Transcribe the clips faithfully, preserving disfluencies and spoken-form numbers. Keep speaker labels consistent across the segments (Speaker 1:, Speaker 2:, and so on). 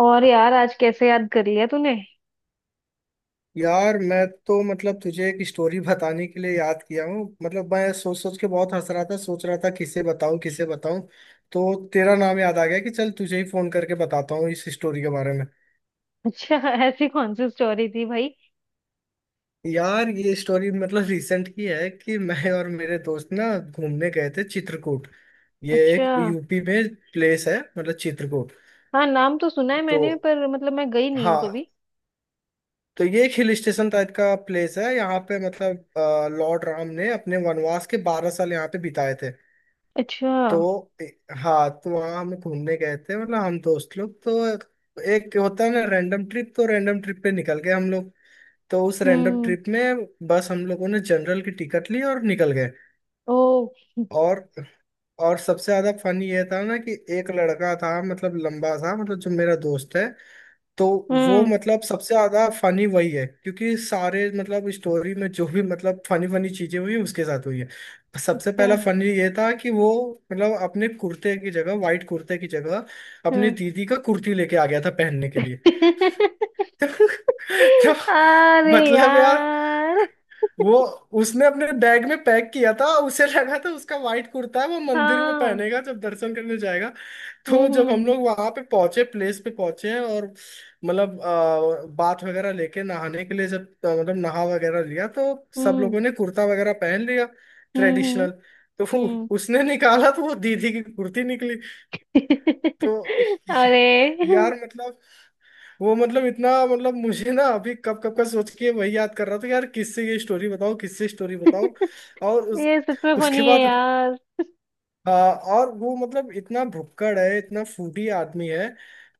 Speaker 1: और यार आज कैसे याद कर लिया तूने।
Speaker 2: यार मैं तो मतलब तुझे एक स्टोरी बताने के लिए याद किया हूँ। मतलब मैं सोच सोच के बहुत हंस रहा था, सोच रहा था किसे बताऊँ किसे बताऊँ। तो तेरा नाम याद आ गया कि चल तुझे ही फोन करके बताता हूँ इस स्टोरी के बारे में।
Speaker 1: अच्छा। ऐसी कौन सी स्टोरी थी भाई।
Speaker 2: यार ये स्टोरी मतलब रिसेंट की है कि मैं और मेरे दोस्त ना घूमने गए थे चित्रकूट। ये
Speaker 1: अच्छा।
Speaker 2: एक यूपी में प्लेस है मतलब चित्रकूट।
Speaker 1: हाँ, नाम तो सुना है मैंने
Speaker 2: तो
Speaker 1: पर मतलब मैं गई नहीं हूँ
Speaker 2: हाँ,
Speaker 1: कभी।
Speaker 2: तो ये एक हिल स्टेशन टाइप का प्लेस है, यहाँ पे मतलब अ, लॉर्ड राम ने अपने वनवास के बारह साल यहाँ पे बिताए थे।
Speaker 1: अच्छा।
Speaker 2: तो ए- हाँ, तो वहाँ हम घूमने गए थे मतलब हम दोस्त लोग। तो एक होता है ना रैंडम ट्रिप, तो रैंडम ट्रिप पे निकल गए हम लोग। तो उस रैंडम
Speaker 1: हम्म।
Speaker 2: ट्रिप में बस हम लोगों ने जनरल की टिकट ली और निकल गए।
Speaker 1: ओ।
Speaker 2: और और सबसे ज्यादा फन ये था ना कि एक लड़का था, मतलब लंबा था मतलब, जो मेरा दोस्त है। तो वो
Speaker 1: हम्म।
Speaker 2: मतलब सबसे ज्यादा फनी वही है क्योंकि सारे मतलब स्टोरी में जो भी मतलब फनी फनी चीजें हुई उसके साथ हुई है। सबसे
Speaker 1: अच्छा।
Speaker 2: पहला फनी ये था कि वो मतलब अपने कुर्ते की जगह, वाइट कुर्ते की जगह, अपनी
Speaker 1: हम्म।
Speaker 2: दीदी का कुर्ती लेके आ गया था पहनने के लिए। तो
Speaker 1: अरे
Speaker 2: मतलब यार
Speaker 1: यार।
Speaker 2: वो, उसने अपने बैग में पैक किया था, उसे लगा था उसका वाइट कुर्ता है, वो मंदिर में
Speaker 1: हाँ।
Speaker 2: पहनेगा जब दर्शन करने जाएगा। तो
Speaker 1: हम्म,
Speaker 2: जब
Speaker 1: हम्म,
Speaker 2: हम लोग वहां पे पहुंचे, प्लेस पे पहुंचे हैं, और मतलब अ, बाथ वगैरह लेके नहाने के लिए जब अ, मतलब नहा वगैरह लिया, तो सब लोगों ने कुर्ता वगैरह पहन लिया,
Speaker 1: हम्म। हम्म,
Speaker 2: ट्रेडिशनल। तो वो-
Speaker 1: हम्म,
Speaker 2: उसने निकाला तो वो दीदी की कुर्ती निकली।
Speaker 1: हम्म।
Speaker 2: तो
Speaker 1: अरे।
Speaker 2: यार मतलब वो मतलब इतना, मतलब मुझे ना अभी कब कब का सोच के वही याद कर रहा था, यार किससे ये स्टोरी बताओ किससे स्टोरी बताओ। और उस
Speaker 1: ये सच में
Speaker 2: उसके
Speaker 1: फनी है
Speaker 2: बाद
Speaker 1: यार।
Speaker 2: हाँ, और वो मतलब इतना भुक्कड़ है, इतना फूटी आदमी है,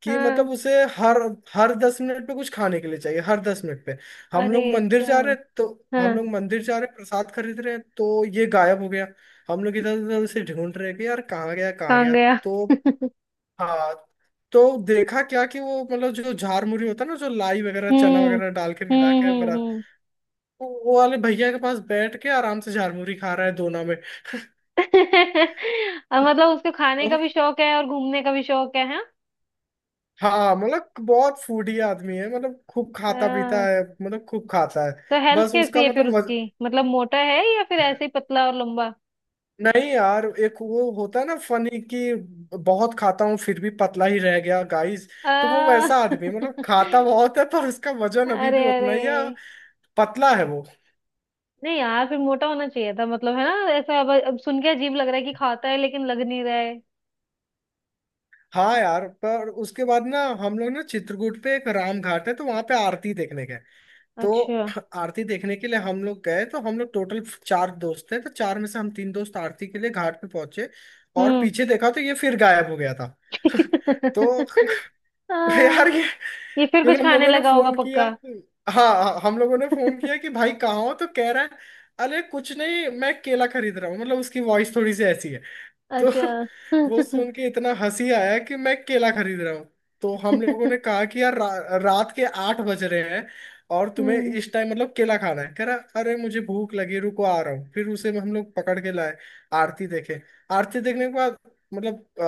Speaker 2: कि
Speaker 1: हाँ।
Speaker 2: मतलब उसे हर हर दस मिनट पे कुछ खाने के लिए चाहिए, हर दस मिनट पे। हम
Speaker 1: अरे,
Speaker 2: लोग मंदिर जा
Speaker 1: अच्छा।
Speaker 2: रहे हैं, तो हम
Speaker 1: हाँ।
Speaker 2: लोग मंदिर जा रहे हैं, प्रसाद खरीद रहे हैं तो ये गायब हो गया। हम लोग इधर उधर उसे ढूंढ रहे हैं कि यार कहाँ गया कहाँ
Speaker 1: कहाँ
Speaker 2: गया।
Speaker 1: गया?
Speaker 2: तो हाँ, तो देखा क्या कि वो मतलब जो झार मुरी होता है ना, जो लाई वगैरह चना
Speaker 1: हम्म,
Speaker 2: वगैरह डाल के मिला
Speaker 1: हम्म,
Speaker 2: के
Speaker 1: हम्म,
Speaker 2: बना,
Speaker 1: हम्म।
Speaker 2: वो वो वाले भैया के पास बैठ के आराम से झार मुरी खा रहा है दोना
Speaker 1: और मतलब उसको खाने का
Speaker 2: में।
Speaker 1: भी शौक है और घूमने का भी शौक है, हाँ।
Speaker 2: हाँ, मतलब बहुत फूडी आदमी है, मतलब खूब खाता पीता
Speaker 1: हाँ,
Speaker 2: है, मतलब खूब खाता है।
Speaker 1: तो हेल्थ
Speaker 2: बस
Speaker 1: कैसी
Speaker 2: उसका
Speaker 1: है फिर
Speaker 2: मतलब वज...
Speaker 1: उसकी, मतलब मोटा है या फिर ऐसे ही पतला और लंबा।
Speaker 2: नहीं यार, एक वो होता है ना फनी कि बहुत खाता हूँ फिर भी पतला ही रह गया गाइस। तो वो
Speaker 1: आ,
Speaker 2: वैसा आदमी है, मतलब खाता बहुत है पर उसका वजन अभी
Speaker 1: अरे,
Speaker 2: भी उतना
Speaker 1: अरे।
Speaker 2: ही है, पतला है वो।
Speaker 1: नहीं यार, फिर मोटा होना चाहिए था मतलब, है ना ऐसा। अब, अब सुन के अजीब लग रहा है कि खाता है लेकिन लग नहीं रहा है।
Speaker 2: हाँ यार, पर उसके बाद ना हम लोग ना चित्रकूट पे एक राम घाट है, तो वहां पे आरती देखने गए। तो
Speaker 1: अच्छा।
Speaker 2: आरती देखने के लिए हम लोग गए, तो हम लोग टोटल चार दोस्त थे, तो चार में से हम तीन दोस्त आरती के लिए घाट पे पहुंचे। और
Speaker 1: हम्म।
Speaker 2: पीछे देखा तो ये फिर गायब हो गया था। तो यार
Speaker 1: हाँ,
Speaker 2: ये,
Speaker 1: ये फिर कुछ
Speaker 2: फिर हम
Speaker 1: खाने
Speaker 2: लोगों ने
Speaker 1: लगा होगा
Speaker 2: फोन किया।
Speaker 1: पक्का।
Speaker 2: हाँ हाँ, हम लोगों ने फोन किया कि भाई कहाँ हो, तो कह रहा है अरे कुछ नहीं मैं केला खरीद रहा हूँ। मतलब उसकी वॉइस थोड़ी सी ऐसी है। तो
Speaker 1: अच्छा।
Speaker 2: वो सुन के इतना हंसी आया कि मैं केला खरीद रहा हूँ। तो हम लोगों ने कहा कि यार रा, रात के आठ बज रहे हैं और तुम्हें
Speaker 1: हम्म।
Speaker 2: इस टाइम मतलब केला खाना है। कह रहा अरे मुझे भूख लगी, रुको आ रहा हूँ। फिर उसे हम लोग पकड़ के लाए। आरती देखे। आरती देखने के बाद मतलब अ,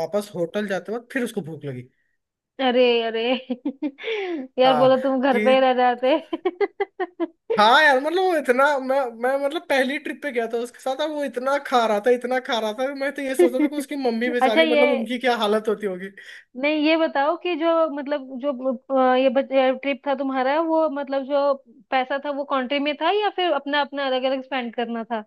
Speaker 2: वापस होटल जाते वक्त फिर उसको भूख लगी।
Speaker 1: अरे, अरे। यार
Speaker 2: हाँ,
Speaker 1: बोलो तुम घर पे ही
Speaker 2: कि
Speaker 1: रह जाते।
Speaker 2: हाँ यार, मतलब वो इतना, मैं मैं मतलब पहली ट्रिप पे गया था उसके साथ, अब वो इतना खा रहा था, इतना खा रहा था। मैं तो ये सोच रहा था कि उसकी मम्मी
Speaker 1: अच्छा।
Speaker 2: बेचारी,
Speaker 1: ये
Speaker 2: मतलब उनकी क्या हालत होती होगी।
Speaker 1: नहीं, ये बताओ कि जो, मतलब जो, अ, ये ट्रिप था तुम्हारा वो, मतलब जो पैसा था वो कंट्री में था या फिर अपना अपना अलग अलग स्पेंड करना था।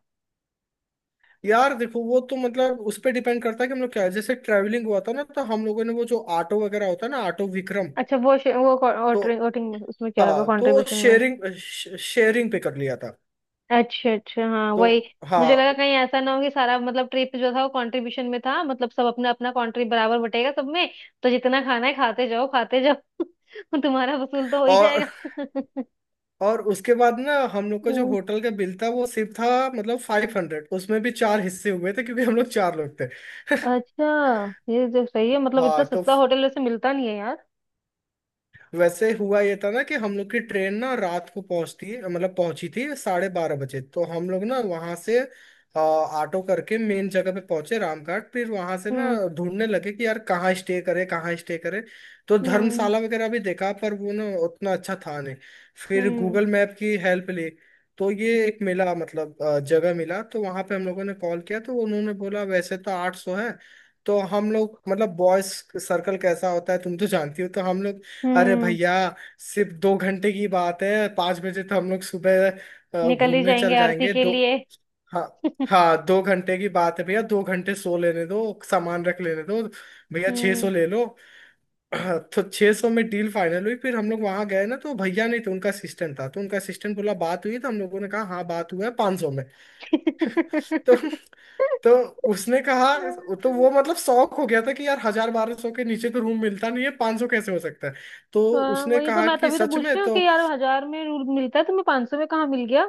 Speaker 2: यार देखो वो तो मतलब उस पर डिपेंड करता है कि हम लोग क्या है, जैसे ट्रैवलिंग हुआ था ना, तो हम लोगों ने वो जो ऑटो वगैरह होता है ना, ऑटो विक्रम।
Speaker 1: अच्छा, वो शे- वो
Speaker 2: तो
Speaker 1: वोटिंग उसमें क्या होगा
Speaker 2: हाँ, तो
Speaker 1: कंट्रीब्यूशन में।
Speaker 2: शेयरिंग शेयरिंग पे कर लिया था।
Speaker 1: अच्छा, अच्छा, हाँ
Speaker 2: तो
Speaker 1: वही।
Speaker 2: हाँ।
Speaker 1: मुझे लगा कहीं ऐसा ना हो कि सारा मतलब ट्रिप जो था वो कंट्रीब्यूशन में था, मतलब सब अपना अपना कंट्रीब्यूट बराबर बटेगा सब में। तो जितना खाना है खाते जाओ, खाते जाओ। तुम्हारा वसूल तो हो ही
Speaker 2: और
Speaker 1: जाएगा।
Speaker 2: और उसके बाद ना हम लोग का जो
Speaker 1: हम्म।
Speaker 2: होटल का बिल था वो सिर्फ था, मतलब फाइव हंड्रेड। उसमें भी चार हिस्से हुए थे क्योंकि हम लोग चार लोग थे।
Speaker 1: अच्छा, ये जो सही है, मतलब इतना
Speaker 2: हाँ, तो
Speaker 1: सस्ता होटल वैसे मिलता नहीं है यार।
Speaker 2: वैसे हुआ ये था ना कि हम लोग की ट्रेन ना रात को पहुंचती, मतलब पहुंची थी साढ़े बारह बजे। तो हम लोग ना वहां से अ, ऑटो करके मेन जगह पे पहुंचे, रामघाट, फिर वहां से ना
Speaker 1: हम्म,
Speaker 2: ढूंढने लगे कि यार कहाँ स्टे करे कहाँ स्टे करे। तो
Speaker 1: हम्म,
Speaker 2: धर्मशाला वगैरह भी देखा पर वो ना उतना अच्छा था नहीं। फिर
Speaker 1: हम्म,
Speaker 2: गूगल मैप की हेल्प ली। तो ये एक मिला, मतलब अ, जगह मिला, तो वहां पे हम लोगों ने कॉल किया, तो उन्होंने बोला वैसे तो आठ सौ है। तो हम लोग मतलब बॉयज सर्कल कैसा होता है तुम तो जानती हो, तो हम लोग, अरे
Speaker 1: हम्म।
Speaker 2: भैया सिर्फ दो घंटे की बात है, पाँच बजे तो हम लोग सुबह अ,
Speaker 1: निकल ही
Speaker 2: घूमने
Speaker 1: जाएंगे
Speaker 2: चल
Speaker 1: आरती
Speaker 2: जाएंगे।
Speaker 1: के
Speaker 2: दो
Speaker 1: लिए।
Speaker 2: हाँ हाँ, दो घंटे की बात है भैया, दो घंटे सो लेने दो, सामान रख लेने दो, भैया छः सौ
Speaker 1: हम्म।
Speaker 2: ले लो। हाँ, तो छः सौ में डील फाइनल हुई, फिर हम लोग वहां गए ना तो भैया नहीं थे, उनका असिस्टेंट था, तो उनका असिस्टेंट बोला बात हुई, तो हम लोगों ने कहा हाँ बात हुआ है पाँच सौ में। तो तो उसने कहा, तो वो मतलब शौक हो गया था कि यार हजार बारह सौ के नीचे तो रूम मिलता नहीं है, पाँच सौ कैसे हो सकता है। तो
Speaker 1: हाँ,
Speaker 2: उसने
Speaker 1: वही तो
Speaker 2: कहा
Speaker 1: मैं
Speaker 2: कि
Speaker 1: तभी तो
Speaker 2: सच
Speaker 1: पूछ
Speaker 2: में।
Speaker 1: रही हूँ कि
Speaker 2: तो
Speaker 1: यार हजार में रूल मिलता है, तुम्हें पाँच सौ में कहाँ मिल गया।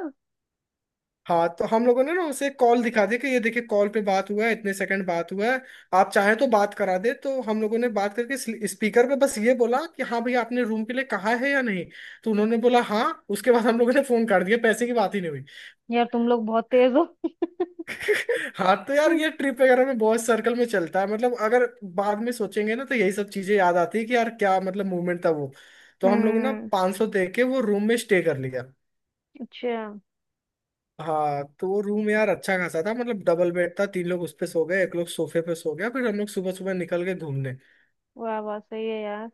Speaker 2: हाँ, तो हम लोगों ने ना उसे कॉल दिखा दी कि ये देखिए कॉल पे बात हुआ है, इतने सेकंड बात हुआ है, आप चाहें तो बात करा दे। तो हम लोगों ने बात करके स्पीकर पे बस ये बोला कि हाँ भैया आपने रूम के लिए कहा है या नहीं। तो उन्होंने बोला हाँ, उसके बाद हम लोगों ने फोन कर दिया, पैसे की बात ही नहीं हुई।
Speaker 1: यार तुम लोग बहुत तेज हो।
Speaker 2: हाँ, तो यार ये ट्रिप वगैरह में बहुत सर्कल में चलता है, मतलब अगर बाद में सोचेंगे ना तो यही सब चीजें याद आती है कि यार क्या मतलब मूवमेंट था वो। तो हम लोगों ने
Speaker 1: हम्म।
Speaker 2: पाँच सौ दे के वो रूम में स्टे कर लिया।
Speaker 1: अच्छा।
Speaker 2: हाँ, तो वो रूम यार अच्छा खासा था, मतलब डबल बेड था, तीन लोग उस पे सो गए, एक लोग सोफे पे सो गया, फिर हम लोग सुबह सुबह निकल गए घूमने।
Speaker 1: वाह वाह, सही है यार।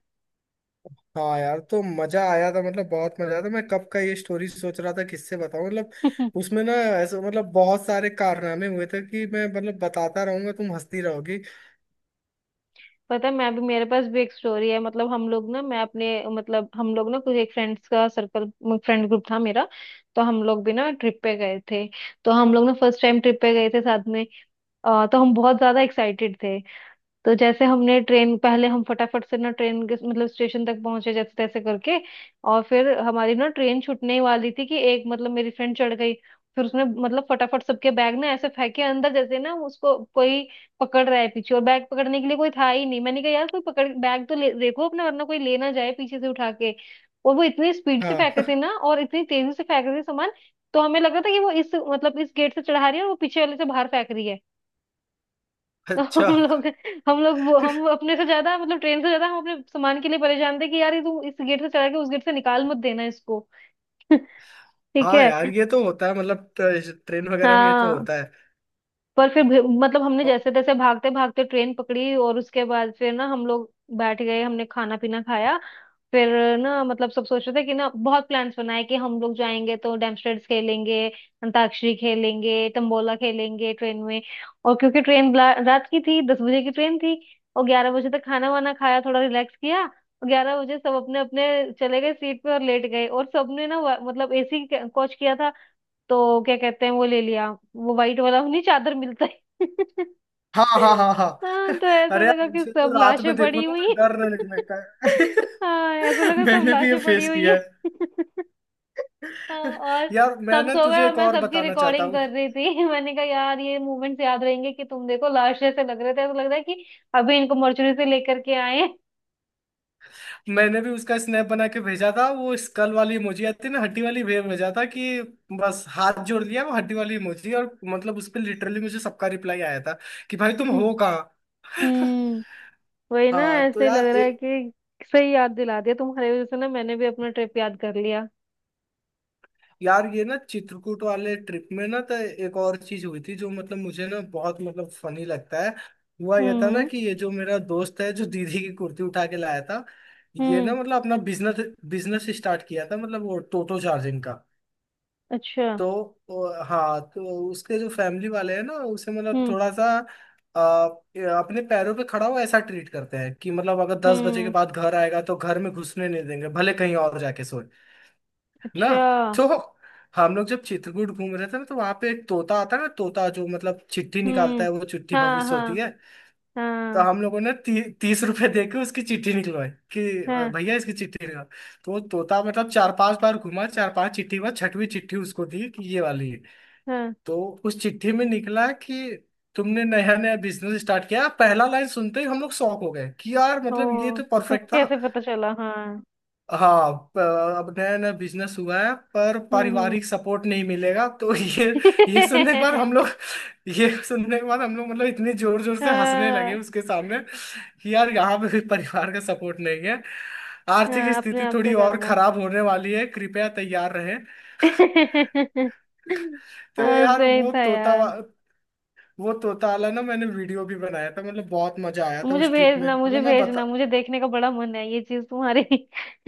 Speaker 2: हाँ यार, तो मजा आया था, मतलब बहुत मजा आया था, मैं कब का ये स्टोरी सोच रहा था किससे बताऊं, मतलब उसमें ना ऐसे मतलब बहुत सारे कारनामे हुए थे कि मैं मतलब बताता रहूंगा, तुम हंसती रहोगी।
Speaker 1: पता है मैं भी, मेरे पास भी एक स्टोरी है। मतलब हम लोग ना, मैं अपने, मतलब हम लोग ना कुछ एक फ्रेंड्स का सर्कल, फ्रेंड ग्रुप था मेरा। तो हम लोग भी ना ट्रिप पे गए थे। तो हम लोग ना फर्स्ट टाइम ट्रिप पे गए थे साथ में। अ, तो हम बहुत ज्यादा एक्साइटेड थे। तो जैसे हमने ट्रेन, पहले हम फटाफट से ना ट्रेन के मतलब स्टेशन तक पहुंचे जैसे तैसे करके। और फिर हमारी ना ट्रेन छूटने ही वाली थी कि एक, मतलब मेरी फ्रेंड चढ़ गई। फिर उसने मतलब फटाफट सबके बैग ना ऐसे फेंके अंदर जैसे ना उसको कोई पकड़ रहा है पीछे, और बैग पकड़ने के लिए कोई था ही नहीं। मैंने कहा यार कोई पकड़ बैग तो ले, देखो अपना वरना कोई ले ना जाए पीछे से उठा के। और वो इतनी स्पीड से
Speaker 2: हाँ।
Speaker 1: फेंक रहे थे ना, और इतनी तेजी से फेंक रहे थे सामान। तो हमें लगा था कि वो इस मतलब इस गेट से चढ़ा रही है और वो पीछे वाले से बाहर फेंक रही है। तो
Speaker 2: अच्छा,
Speaker 1: हम लोग, हम लोग वो हम अपने से ज्यादा, मतलब ट्रेन से ज्यादा हम अपने सामान के लिए परेशान थे कि यार ये तू इस गेट से चढ़ा के उस गेट से निकाल मत देना इसको। ठीक
Speaker 2: हाँ
Speaker 1: है।
Speaker 2: यार ये तो होता है, मतलब ट्रेन वगैरह में ये तो
Speaker 1: हाँ,
Speaker 2: होता
Speaker 1: पर फिर भी- मतलब हमने
Speaker 2: है।
Speaker 1: जैसे तैसे भागते भागते ट्रेन पकड़ी और उसके बाद फिर ना हम लोग बैठ गए, हमने खाना पीना खाया। फिर ना मतलब सब सोच रहे थे कि ना बहुत प्लान्स बनाए कि हम लोग जाएंगे तो डेमस्ट्रेट्स खेलेंगे, अंताक्षरी खेलेंगे, तंबोला खेलेंगे ट्रेन में। और क्योंकि ट्रेन रात की थी, दस बजे की ट्रेन थी। और ग्यारह बजे तक खाना वाना खाया, थोड़ा रिलैक्स किया, और ग्यारह बजे सब अपने अपने चले गए सीट पे और लेट गए। और सबने ना वा- मतलब एसी कोच किया था तो क्या कहते हैं वो ले लिया, वो वाइट वाला नहीं चादर मिलता है।
Speaker 2: हाँ हाँ हाँ हाँ।
Speaker 1: हाँ तो ऐसा
Speaker 2: अरे यार
Speaker 1: लगा कि
Speaker 2: उसे तो
Speaker 1: सब
Speaker 2: रात में
Speaker 1: लाशें
Speaker 2: देखो
Speaker 1: पड़ी
Speaker 2: ना
Speaker 1: हुई
Speaker 2: तो
Speaker 1: हैं।
Speaker 2: डर लगने का
Speaker 1: हाँ, ऐसा
Speaker 2: है।
Speaker 1: लगा सब
Speaker 2: मैंने भी ये
Speaker 1: लाशें पड़ी
Speaker 2: फेस
Speaker 1: हुई
Speaker 2: किया
Speaker 1: हैं।
Speaker 2: है।
Speaker 1: हाँ। और
Speaker 2: यार मैं
Speaker 1: सब
Speaker 2: ना
Speaker 1: सो गए
Speaker 2: तुझे
Speaker 1: और
Speaker 2: एक
Speaker 1: मैं
Speaker 2: और
Speaker 1: सबकी
Speaker 2: बताना चाहता
Speaker 1: रिकॉर्डिंग
Speaker 2: हूँ।
Speaker 1: कर रही थी। मैंने कहा यार ये मूवमेंट्स याद रहेंगे कि तुम देखो, लाशें से लग रहे थे, ऐसा लग रहा है कि अभी इनको मर्चुरी से लेकर के आए हैं।
Speaker 2: मैंने भी उसका स्नैप बना के भेजा था, वो स्कल वाली इमोजी आती है ना, हड्डी वाली भेज भेजा था कि बस हाथ जोड़ लिया, वो हड्डी वाली इमोजी, और मतलब उस पर लिटरली मुझे सबका रिप्लाई आया था कि भाई तुम हो कहाँ।
Speaker 1: हम्म। वही ना,
Speaker 2: हाँ, तो
Speaker 1: ऐसे ही लग
Speaker 2: यार,
Speaker 1: रहा है कि सही याद दिला दिया तुम्हारी वजह से ना, मैंने भी अपना ट्रिप याद कर लिया।
Speaker 2: यार ये ना चित्रकूट वाले ट्रिप में ना तो एक और चीज हुई थी जो मतलब मुझे ना बहुत मतलब फनी लगता है। हुआ ये था ना
Speaker 1: हम्म,
Speaker 2: कि ये जो मेरा दोस्त है जो दीदी की कुर्ती उठा के लाया था, ये
Speaker 1: हम्म।
Speaker 2: ना मतलब अपना बिजनेस बिजनेस स्टार्ट किया था, मतलब वो टोटो चार्जिंग का।
Speaker 1: अच्छा।
Speaker 2: तो वो- हाँ, तो उसके जो फैमिली वाले हैं ना, उसे मतलब
Speaker 1: हम्म,
Speaker 2: थोड़ा सा आ, अपने पैरों पे खड़ा हो ऐसा ट्रीट करते हैं, कि मतलब अगर दस बजे के
Speaker 1: हम्म।
Speaker 2: बाद घर आएगा तो घर में घुसने नहीं देंगे, भले कहीं और जाके सोए ना।
Speaker 1: अच्छा।
Speaker 2: तो हम लोग जब चित्रकूट घूम रहे थे ना, तो वहां पे एक तोता आता है ना, तोता जो मतलब चिट्ठी निकालता
Speaker 1: हम्म।
Speaker 2: है, वो चिट्ठी
Speaker 1: हाँ,
Speaker 2: भविष्य होती
Speaker 1: हाँ,
Speaker 2: है। तो
Speaker 1: हाँ,
Speaker 2: हम लोगों ने ती, तीस रुपए दे के उसकी चिट्ठी निकलवाई कि अ,
Speaker 1: हाँ।
Speaker 2: भैया इसकी चिट्ठी निकाल। तो वो तोता मतलब चार पांच बार घुमा, चार पांच चिट्ठी के बाद छठवीं चिट्ठी उसको दी कि ये वाली है।
Speaker 1: हाँ।
Speaker 2: तो उस चिट्ठी में निकला कि तुमने नया नया बिजनेस स्टार्ट किया, पहला लाइन सुनते ही हम लोग शॉक हो गए कि यार
Speaker 1: ओ।
Speaker 2: मतलब ये तो परफेक्ट
Speaker 1: तुम्हें
Speaker 2: था।
Speaker 1: कैसे पता चला? हाँ।
Speaker 2: हाँ, प- अब नया नया बिजनेस हुआ है पर
Speaker 1: हम्म, हम्म।
Speaker 2: पारिवारिक सपोर्ट नहीं मिलेगा तो। ये ये सुनने के बाद हम लोग ये सुनने के बाद हम लोग मतलब इतने जोर जोर से हंसने लगे
Speaker 1: हाँ,
Speaker 2: उसके सामने, कि यार यहाँ पे भी परिवार का सपोर्ट नहीं है। आर्थिक
Speaker 1: हाँ, अपने
Speaker 2: स्थिति
Speaker 1: आप
Speaker 2: थोड़ी
Speaker 1: से
Speaker 2: और
Speaker 1: करना है।
Speaker 2: खराब होने वाली है, कृपया तैयार रहें। तो
Speaker 1: हाँ,
Speaker 2: यार
Speaker 1: सही
Speaker 2: वो
Speaker 1: था
Speaker 2: तोता वा-
Speaker 1: यार।
Speaker 2: वो तोता वाला ना, मैंने वीडियो भी बनाया था, मतलब बहुत मजा आया था
Speaker 1: मुझे
Speaker 2: उस ट्रिप में
Speaker 1: भेजना, मुझे
Speaker 2: मतलब मैं बता।
Speaker 1: भेजना, मुझे देखने का बड़ा मन है ये चीज तुम्हारी।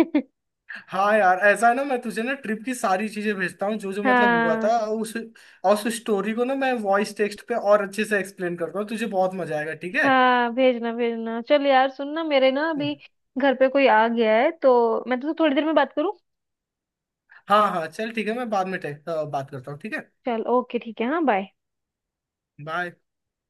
Speaker 2: हाँ यार, ऐसा है ना, मैं तुझे ना ट्रिप की सारी चीजें भेजता हूँ जो जो मतलब हुआ
Speaker 1: हाँ,
Speaker 2: था, उस, और उस स्टोरी को ना मैं वॉइस टेक्स्ट पे और अच्छे से एक्सप्लेन करता हूँ, तुझे बहुत मजा आएगा, ठीक है।
Speaker 1: हाँ भेजना, भेजना। चल यार सुन ना, मेरे ना अभी घर पे कोई आ गया है तो मैं तो थोड़ी देर में बात करूँ।
Speaker 2: हाँ हाँ, चल ठीक है, मैं बाद में टे- अ, बात करता हूँ, ठीक है,
Speaker 1: चल, ओके, ठीक है, हाँ, बाय।
Speaker 2: बाय।